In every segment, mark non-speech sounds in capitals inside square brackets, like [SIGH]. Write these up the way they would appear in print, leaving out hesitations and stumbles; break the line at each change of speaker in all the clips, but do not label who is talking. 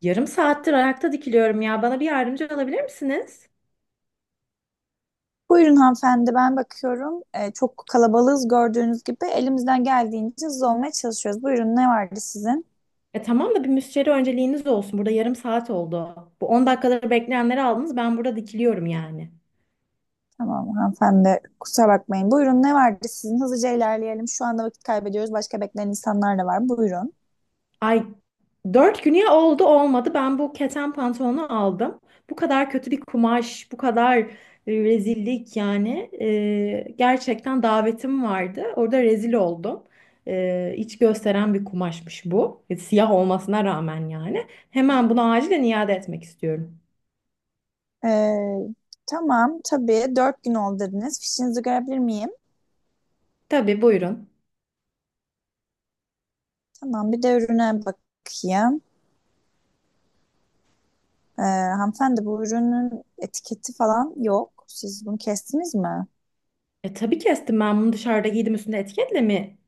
Yarım saattir ayakta dikiliyorum ya. Bana bir yardımcı olabilir misiniz?
Buyurun hanımefendi ben bakıyorum. Çok kalabalığız gördüğünüz gibi. Elimizden geldiğince hızlı olmaya çalışıyoruz. Buyurun ne vardı sizin?
E tamam da bir müşteri önceliğiniz olsun. Burada yarım saat oldu. Bu 10 dakikaları bekleyenleri aldınız. Ben burada dikiliyorum yani.
Tamam hanımefendi kusura bakmayın. Buyurun ne vardı sizin? Hızlıca ilerleyelim. Şu anda vakit kaybediyoruz. Başka bekleyen insanlar da var. Buyurun.
Ay 4 güne oldu olmadı. Ben bu keten pantolonu aldım. Bu kadar kötü bir kumaş, bu kadar rezillik yani. Gerçekten davetim vardı. Orada rezil oldum. İç gösteren bir kumaşmış bu. Siyah olmasına rağmen yani. Hemen bunu acilen iade etmek istiyorum.
Ee, tamam tabii dört gün oldu dediniz. Fişinizi görebilir miyim?
Tabii buyurun.
Tamam bir de ürüne bakayım. Hanımefendi bu ürünün etiketi falan yok. Siz bunu kestiniz mi?
Tabii kestim, ben bunu dışarıda giydim, üstünde etiketle mi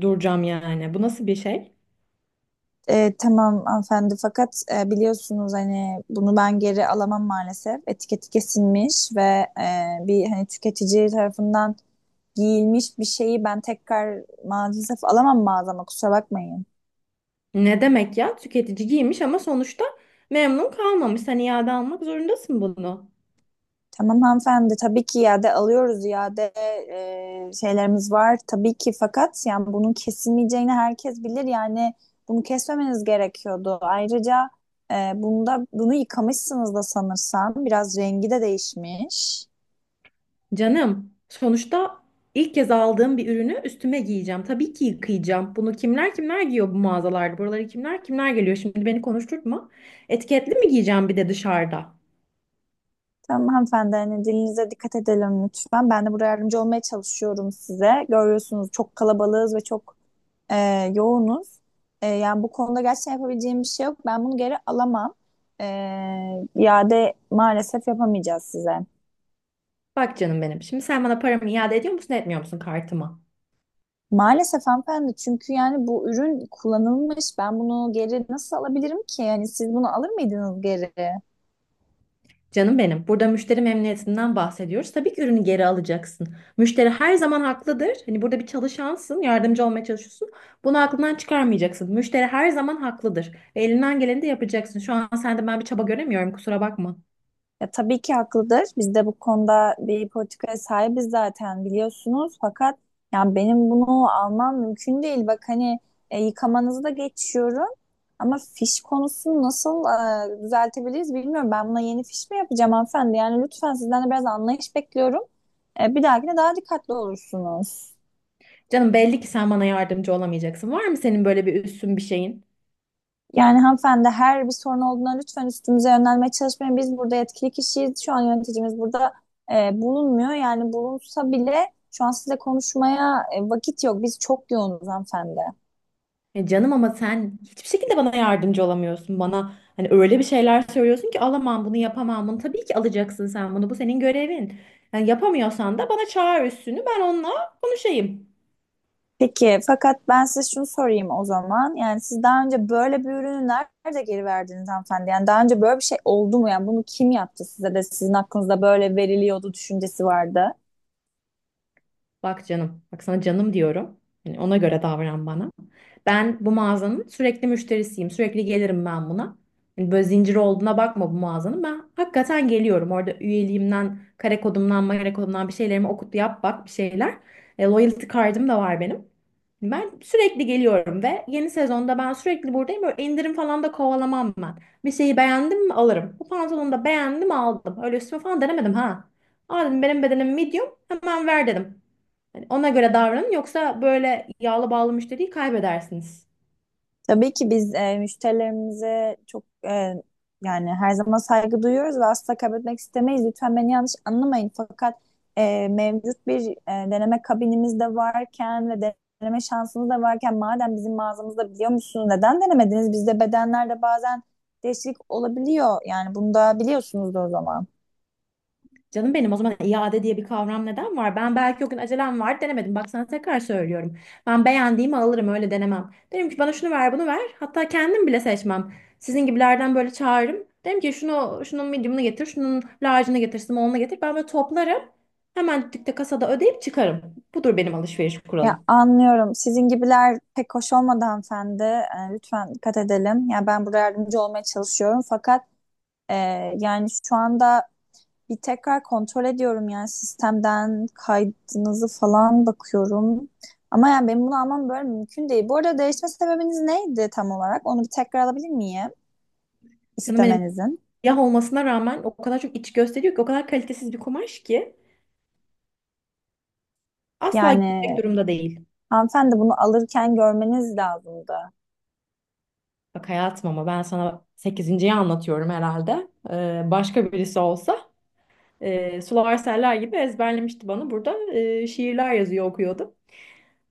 duracağım yani? Bu nasıl bir şey?
Tamam hanımefendi fakat biliyorsunuz hani bunu ben geri alamam maalesef. Etiketi kesilmiş ve bir hani tüketici tarafından giyilmiş bir şeyi ben tekrar maalesef alamam mağazama kusura bakmayın.
Ne demek ya? Tüketici giymiş ama sonuçta memnun kalmamış. Sen iade almak zorundasın bunu.
Tamam hanımefendi tabii ki iade alıyoruz, iade şeylerimiz var tabii ki, fakat yani bunun kesilmeyeceğini herkes bilir yani bunu kesmemeniz gerekiyordu. Ayrıca bunu yıkamışsınız da sanırsam biraz rengi de değişmiş.
Canım, sonuçta ilk kez aldığım bir ürünü üstüme giyeceğim. Tabii ki yıkayacağım. Bunu kimler kimler giyiyor bu mağazalarda? Buraları kimler kimler geliyor? Şimdi beni konuşturtma. Etiketli mi giyeceğim bir de dışarıda?
Tamam hanımefendi hani dilinize dikkat edelim lütfen, ben de buraya yardımcı olmaya çalışıyorum size, görüyorsunuz çok kalabalığız ve çok e, yoğunuz. Yani bu konuda gerçekten yapabileceğim bir şey yok. Ben bunu geri alamam. E, iade maalesef yapamayacağız size.
Bak canım benim. Şimdi sen bana paramı iade ediyor musun, etmiyor musun kartıma?
Maalesef hanımefendi çünkü yani bu ürün kullanılmış. Ben bunu geri nasıl alabilirim ki? Yani siz bunu alır mıydınız geri?
Canım benim, burada müşteri memnuniyetinden bahsediyoruz. Tabii ki ürünü geri alacaksın. Müşteri her zaman haklıdır. Hani burada bir çalışansın, yardımcı olmaya çalışıyorsun. Bunu aklından çıkarmayacaksın. Müşteri her zaman haklıdır. Ve elinden geleni de yapacaksın. Şu an sende ben bir çaba göremiyorum, kusura bakma.
Ya tabii ki haklıdır. Biz de bu konuda bir politikaya sahibiz zaten biliyorsunuz. Fakat yani benim bunu almam mümkün değil. Bak hani yıkamanızı da geçiyorum. Ama fiş konusunu nasıl düzeltebiliriz bilmiyorum. Ben buna yeni fiş mi yapacağım hanımefendi? Yani lütfen sizden de biraz anlayış bekliyorum. Bir dahakine daha dikkatli olursunuz.
Canım belli ki sen bana yardımcı olamayacaksın. Var mı senin böyle bir üstün bir şeyin?
Yani hanımefendi her bir sorun olduğunda lütfen üstümüze yönelmeye çalışmayın. Biz burada yetkili kişiyiz. Şu an yöneticimiz burada bulunmuyor. Yani bulunsa bile şu an size konuşmaya vakit yok. Biz çok yoğunuz hanımefendi.
Ya canım, ama sen hiçbir şekilde bana yardımcı olamıyorsun. Bana hani öyle bir şeyler söylüyorsun ki alamam bunu, yapamam bunu. Tabii ki alacaksın sen bunu. Bu senin görevin. Yani yapamıyorsan da bana çağır üstünü. Ben onunla konuşayım.
Peki, fakat ben size şunu sorayım o zaman. Yani siz daha önce böyle bir ürünü nerede geri verdiniz hanımefendi? Yani daha önce böyle bir şey oldu mu? Yani bunu kim yaptı size de sizin aklınızda böyle veriliyordu düşüncesi vardı?
Bak canım, bak sana canım diyorum. Yani ona göre davran bana. Ben bu mağazanın sürekli müşterisiyim. Sürekli gelirim ben buna. Yani böyle zincir olduğuna bakma bu mağazanın. Ben hakikaten geliyorum. Orada üyeliğimden, kare kodumdan, magare kodumdan bir şeylerimi okut yap bak, bir şeyler. Loyalty card'ım da var benim. Ben sürekli geliyorum ve yeni sezonda ben sürekli buradayım. Böyle indirim falan da kovalamam ben. Bir şeyi beğendim mi alırım. Bu pantolonu da beğendim aldım. Öyle üstüme falan denemedim ha. Aa dedim, benim bedenim medium, hemen ver dedim. Hani ona göre davranın, yoksa böyle yağlı bağlı müşteriyi kaybedersiniz.
Tabii ki biz müşterilerimize çok yani her zaman saygı duyuyoruz ve asla kaybetmek istemeyiz. Lütfen beni yanlış anlamayın. Fakat mevcut bir deneme kabinimiz de varken ve deneme şansımız da varken madem bizim mağazamızda, biliyor musunuz neden denemediniz? Bizde bedenlerde bazen değişiklik olabiliyor. Yani bunu da biliyorsunuz o zaman.
Canım benim, o zaman iade diye bir kavram neden var? Ben belki o gün acelem var, denemedim. Bak sana tekrar söylüyorum. Ben beğendiğimi alırım, öyle denemem. Derim ki bana şunu ver, bunu ver. Hatta kendim bile seçmem. Sizin gibilerden böyle çağırırım. Derim ki şunu, şunun medium'unu getir, şunun large'ını getir, small'ını getir. Ben böyle toplarım. Hemen dükkte kasada ödeyip çıkarım. Budur benim alışveriş
Ya
kuralım.
anlıyorum. Sizin gibiler pek hoş olmadı hanımefendi. Lütfen dikkat edelim. Ya ben burada yardımcı olmaya çalışıyorum. Fakat e, yani şu anda bir tekrar kontrol ediyorum, yani sistemden kaydınızı falan bakıyorum. Ama yani benim bunu almam böyle mümkün değil. Bu arada değişme sebebiniz neydi tam olarak? Onu bir tekrar alabilir miyim
Canım benim,
istemenizin?
siyah olmasına rağmen o kadar çok iç gösteriyor ki, o kadar kalitesiz bir kumaş ki. Asla gitmek
Yani
durumda değil.
hanımefendi bunu alırken görmeniz lazımdı.
Bak hayatım, ama ben sana 8.yi anlatıyorum herhalde. Başka birisi olsa sular seller gibi ezberlemişti bana. Burada şiirler yazıyor okuyordu.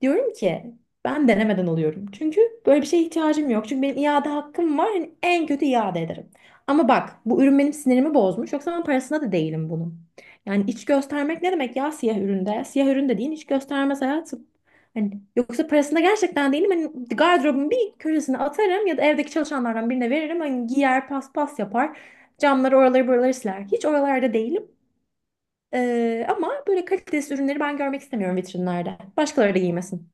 Diyorum ki ben denemeden alıyorum. Çünkü böyle bir şeye ihtiyacım yok. Çünkü benim iade hakkım var. Hani en kötü iade ederim. Ama bak, bu ürün benim sinirimi bozmuş. Yoksa ben parasına da değilim bunun. Yani iç göstermek ne demek ya, siyah üründe? Siyah üründe değil, iç göstermez hayatım. Hani yoksa parasında gerçekten değilim. Hani gardırobun bir köşesine atarım ya da evdeki çalışanlardan birine veririm. Hani giyer, paspas yapar. Camları, oraları buraları siler. Hiç oralarda değilim. Ama böyle kalitesiz ürünleri ben görmek istemiyorum vitrinlerde. Başkaları da giymesin.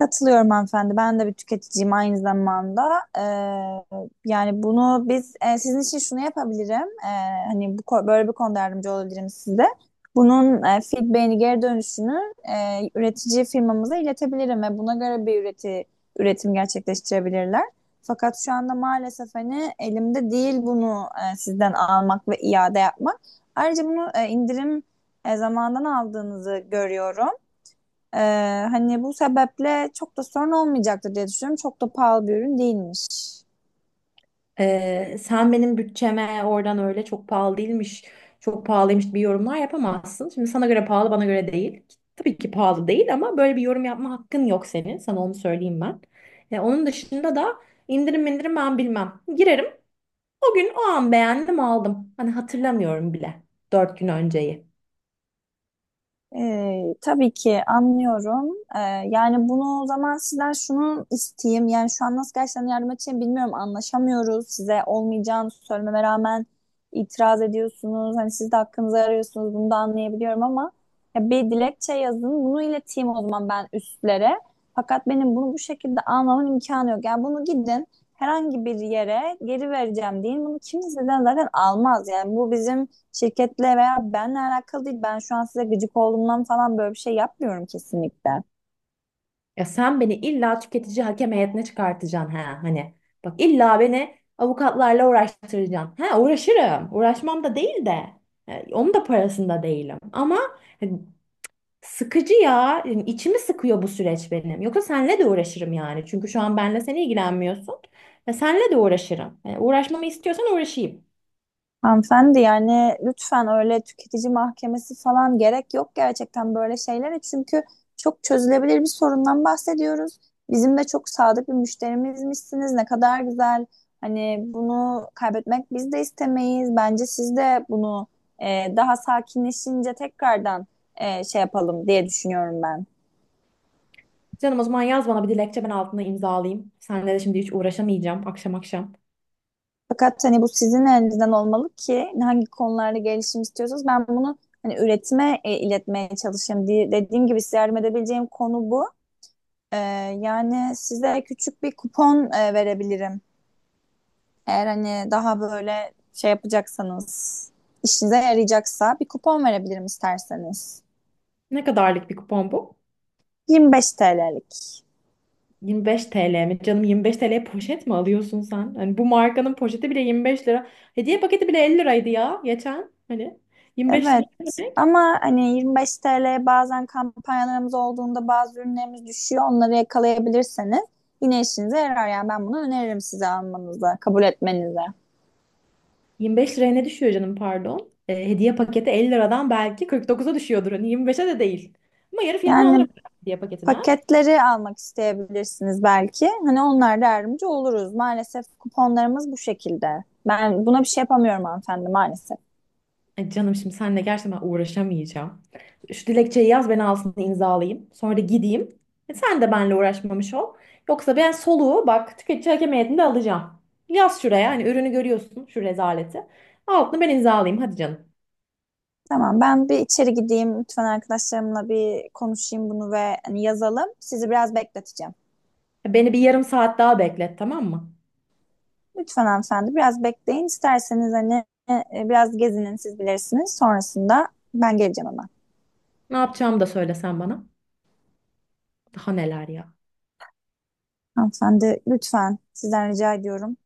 Katılıyorum hanımefendi. Ben de bir tüketiciyim aynı zamanda. Ee, Yani bunu biz sizin için şunu yapabilirim. Hani bu, böyle bir konuda yardımcı olabilirim size. Bunun feedback'ini, geri dönüşünü üretici firmamıza iletebilirim ve buna göre bir üretim gerçekleştirebilirler. Fakat şu anda maalesef hani elimde değil bunu sizden almak ve iade yapmak. Ayrıca bunu indirim zamandan aldığınızı görüyorum. Ee, Hani bu sebeple çok da sorun olmayacaktır diye düşünüyorum. Çok da pahalı bir ürün değilmiş.
Sen benim bütçeme oradan öyle çok pahalı değilmiş, çok pahalıymış bir yorumlar yapamazsın. Şimdi sana göre pahalı, bana göre değil. Tabii ki pahalı değil, ama böyle bir yorum yapma hakkın yok senin. Sana onu söyleyeyim ben. Onun dışında da indirim indirim ben bilmem. Girerim. O gün o an beğendim aldım. Hani hatırlamıyorum bile. Dört gün önceyi.
Tabii ki anlıyorum. Yani bunu o zaman sizden şunu isteyeyim. Yani şu an nasıl gerçekten yardım edeceğim bilmiyorum. Anlaşamıyoruz. Size olmayacağını söylememe rağmen itiraz ediyorsunuz. Hani siz de hakkınızı arıyorsunuz. Bunu da anlayabiliyorum ama ya bir dilekçe yazın. Bunu ileteyim o zaman ben üstlere. Fakat benim bunu bu şekilde almamın imkanı yok. Yani bunu gidin herhangi bir yere, geri vereceğim deyin. Bunu kimseden zaten almaz. Yani bu bizim şirketle veya benle alakalı değil. Ben şu an size gıcık olduğumdan falan böyle bir şey yapmıyorum kesinlikle.
Ya sen beni illa tüketici hakem heyetine çıkartacaksın ha hani. Bak illa beni avukatlarla uğraştıracaksın. Ha uğraşırım. Uğraşmam da değil de. Onun da parasında değilim. Ama hani sıkıcı ya. Yani içimi sıkıyor bu süreç benim. Yoksa senle de uğraşırım yani. Çünkü şu an benle sen ilgilenmiyorsun. Ya senle de uğraşırım. Yani uğraşmamı istiyorsan uğraşayım.
Hanımefendi yani lütfen öyle tüketici mahkemesi falan gerek yok gerçekten böyle şeylere. Çünkü çok çözülebilir bir sorundan bahsediyoruz. Bizim de çok sadık bir müşterimizmişsiniz. Ne kadar güzel. Hani bunu kaybetmek biz de istemeyiz. Bence siz de bunu daha sakinleşince tekrardan şey yapalım diye düşünüyorum ben.
Canım, o zaman yaz bana bir dilekçe, ben altına imzalayayım. Seninle de şimdi hiç uğraşamayacağım akşam akşam.
Fakat hani bu sizin elinizden olmalı ki hangi konularda gelişim istiyorsanız ben bunu hani üretime iletmeye çalışayım. Dediğim gibi size yardım edebileceğim konu bu. Ee, Yani size küçük bir kupon verebilirim. Eğer hani daha böyle şey yapacaksanız, işinize yarayacaksa bir kupon verebilirim isterseniz.
Ne kadarlık bir kupon bu?
25 TL'lik.
25 TL mi? Canım, 25 TL'ye poşet mi alıyorsun sen? Hani bu markanın poşeti bile 25 lira. Hediye paketi bile 50 liraydı ya geçen. Hani 25 lira
Evet
ne demek?
ama hani 25 TL'ye bazen kampanyalarımız olduğunda bazı ürünlerimiz düşüyor. Onları yakalayabilirseniz yine işinize yarar. Yani ben bunu öneririm size, almanıza, kabul etmenize.
25 liraya ne düşüyor canım pardon? Hediye paketi 50 liradan belki 49'a düşüyordur. Hani 25'e de değil. Ama yarı fiyatına alırım
Yani
[LAUGHS] hediye paketine ha.
paketleri almak isteyebilirsiniz belki. Hani onlar da yardımcı oluruz. Maalesef kuponlarımız bu şekilde. Ben buna bir şey yapamıyorum hanımefendi maalesef.
Ay canım, şimdi seninle gerçekten ben uğraşamayacağım. Şu dilekçeyi yaz, ben alsın imzalayayım. Sonra da gideyim. Sen de benimle uğraşmamış ol. Yoksa ben soluğu bak tüketici hakem heyetinde alacağım. Yaz şuraya, hani ürünü görüyorsun şu rezaleti. Altını ben imzalayayım hadi canım.
Tamam ben bir içeri gideyim. Lütfen arkadaşlarımla bir konuşayım bunu ve hani yazalım. Sizi biraz bekleteceğim.
Beni bir yarım saat daha beklet tamam mı?
Lütfen hanımefendi biraz bekleyin. İsterseniz hani biraz gezinin, siz bilirsiniz. Sonrasında ben geleceğim hemen.
Ne yapacağımı da söyle sen bana. Daha neler ya.
Hanımefendi lütfen sizden rica ediyorum.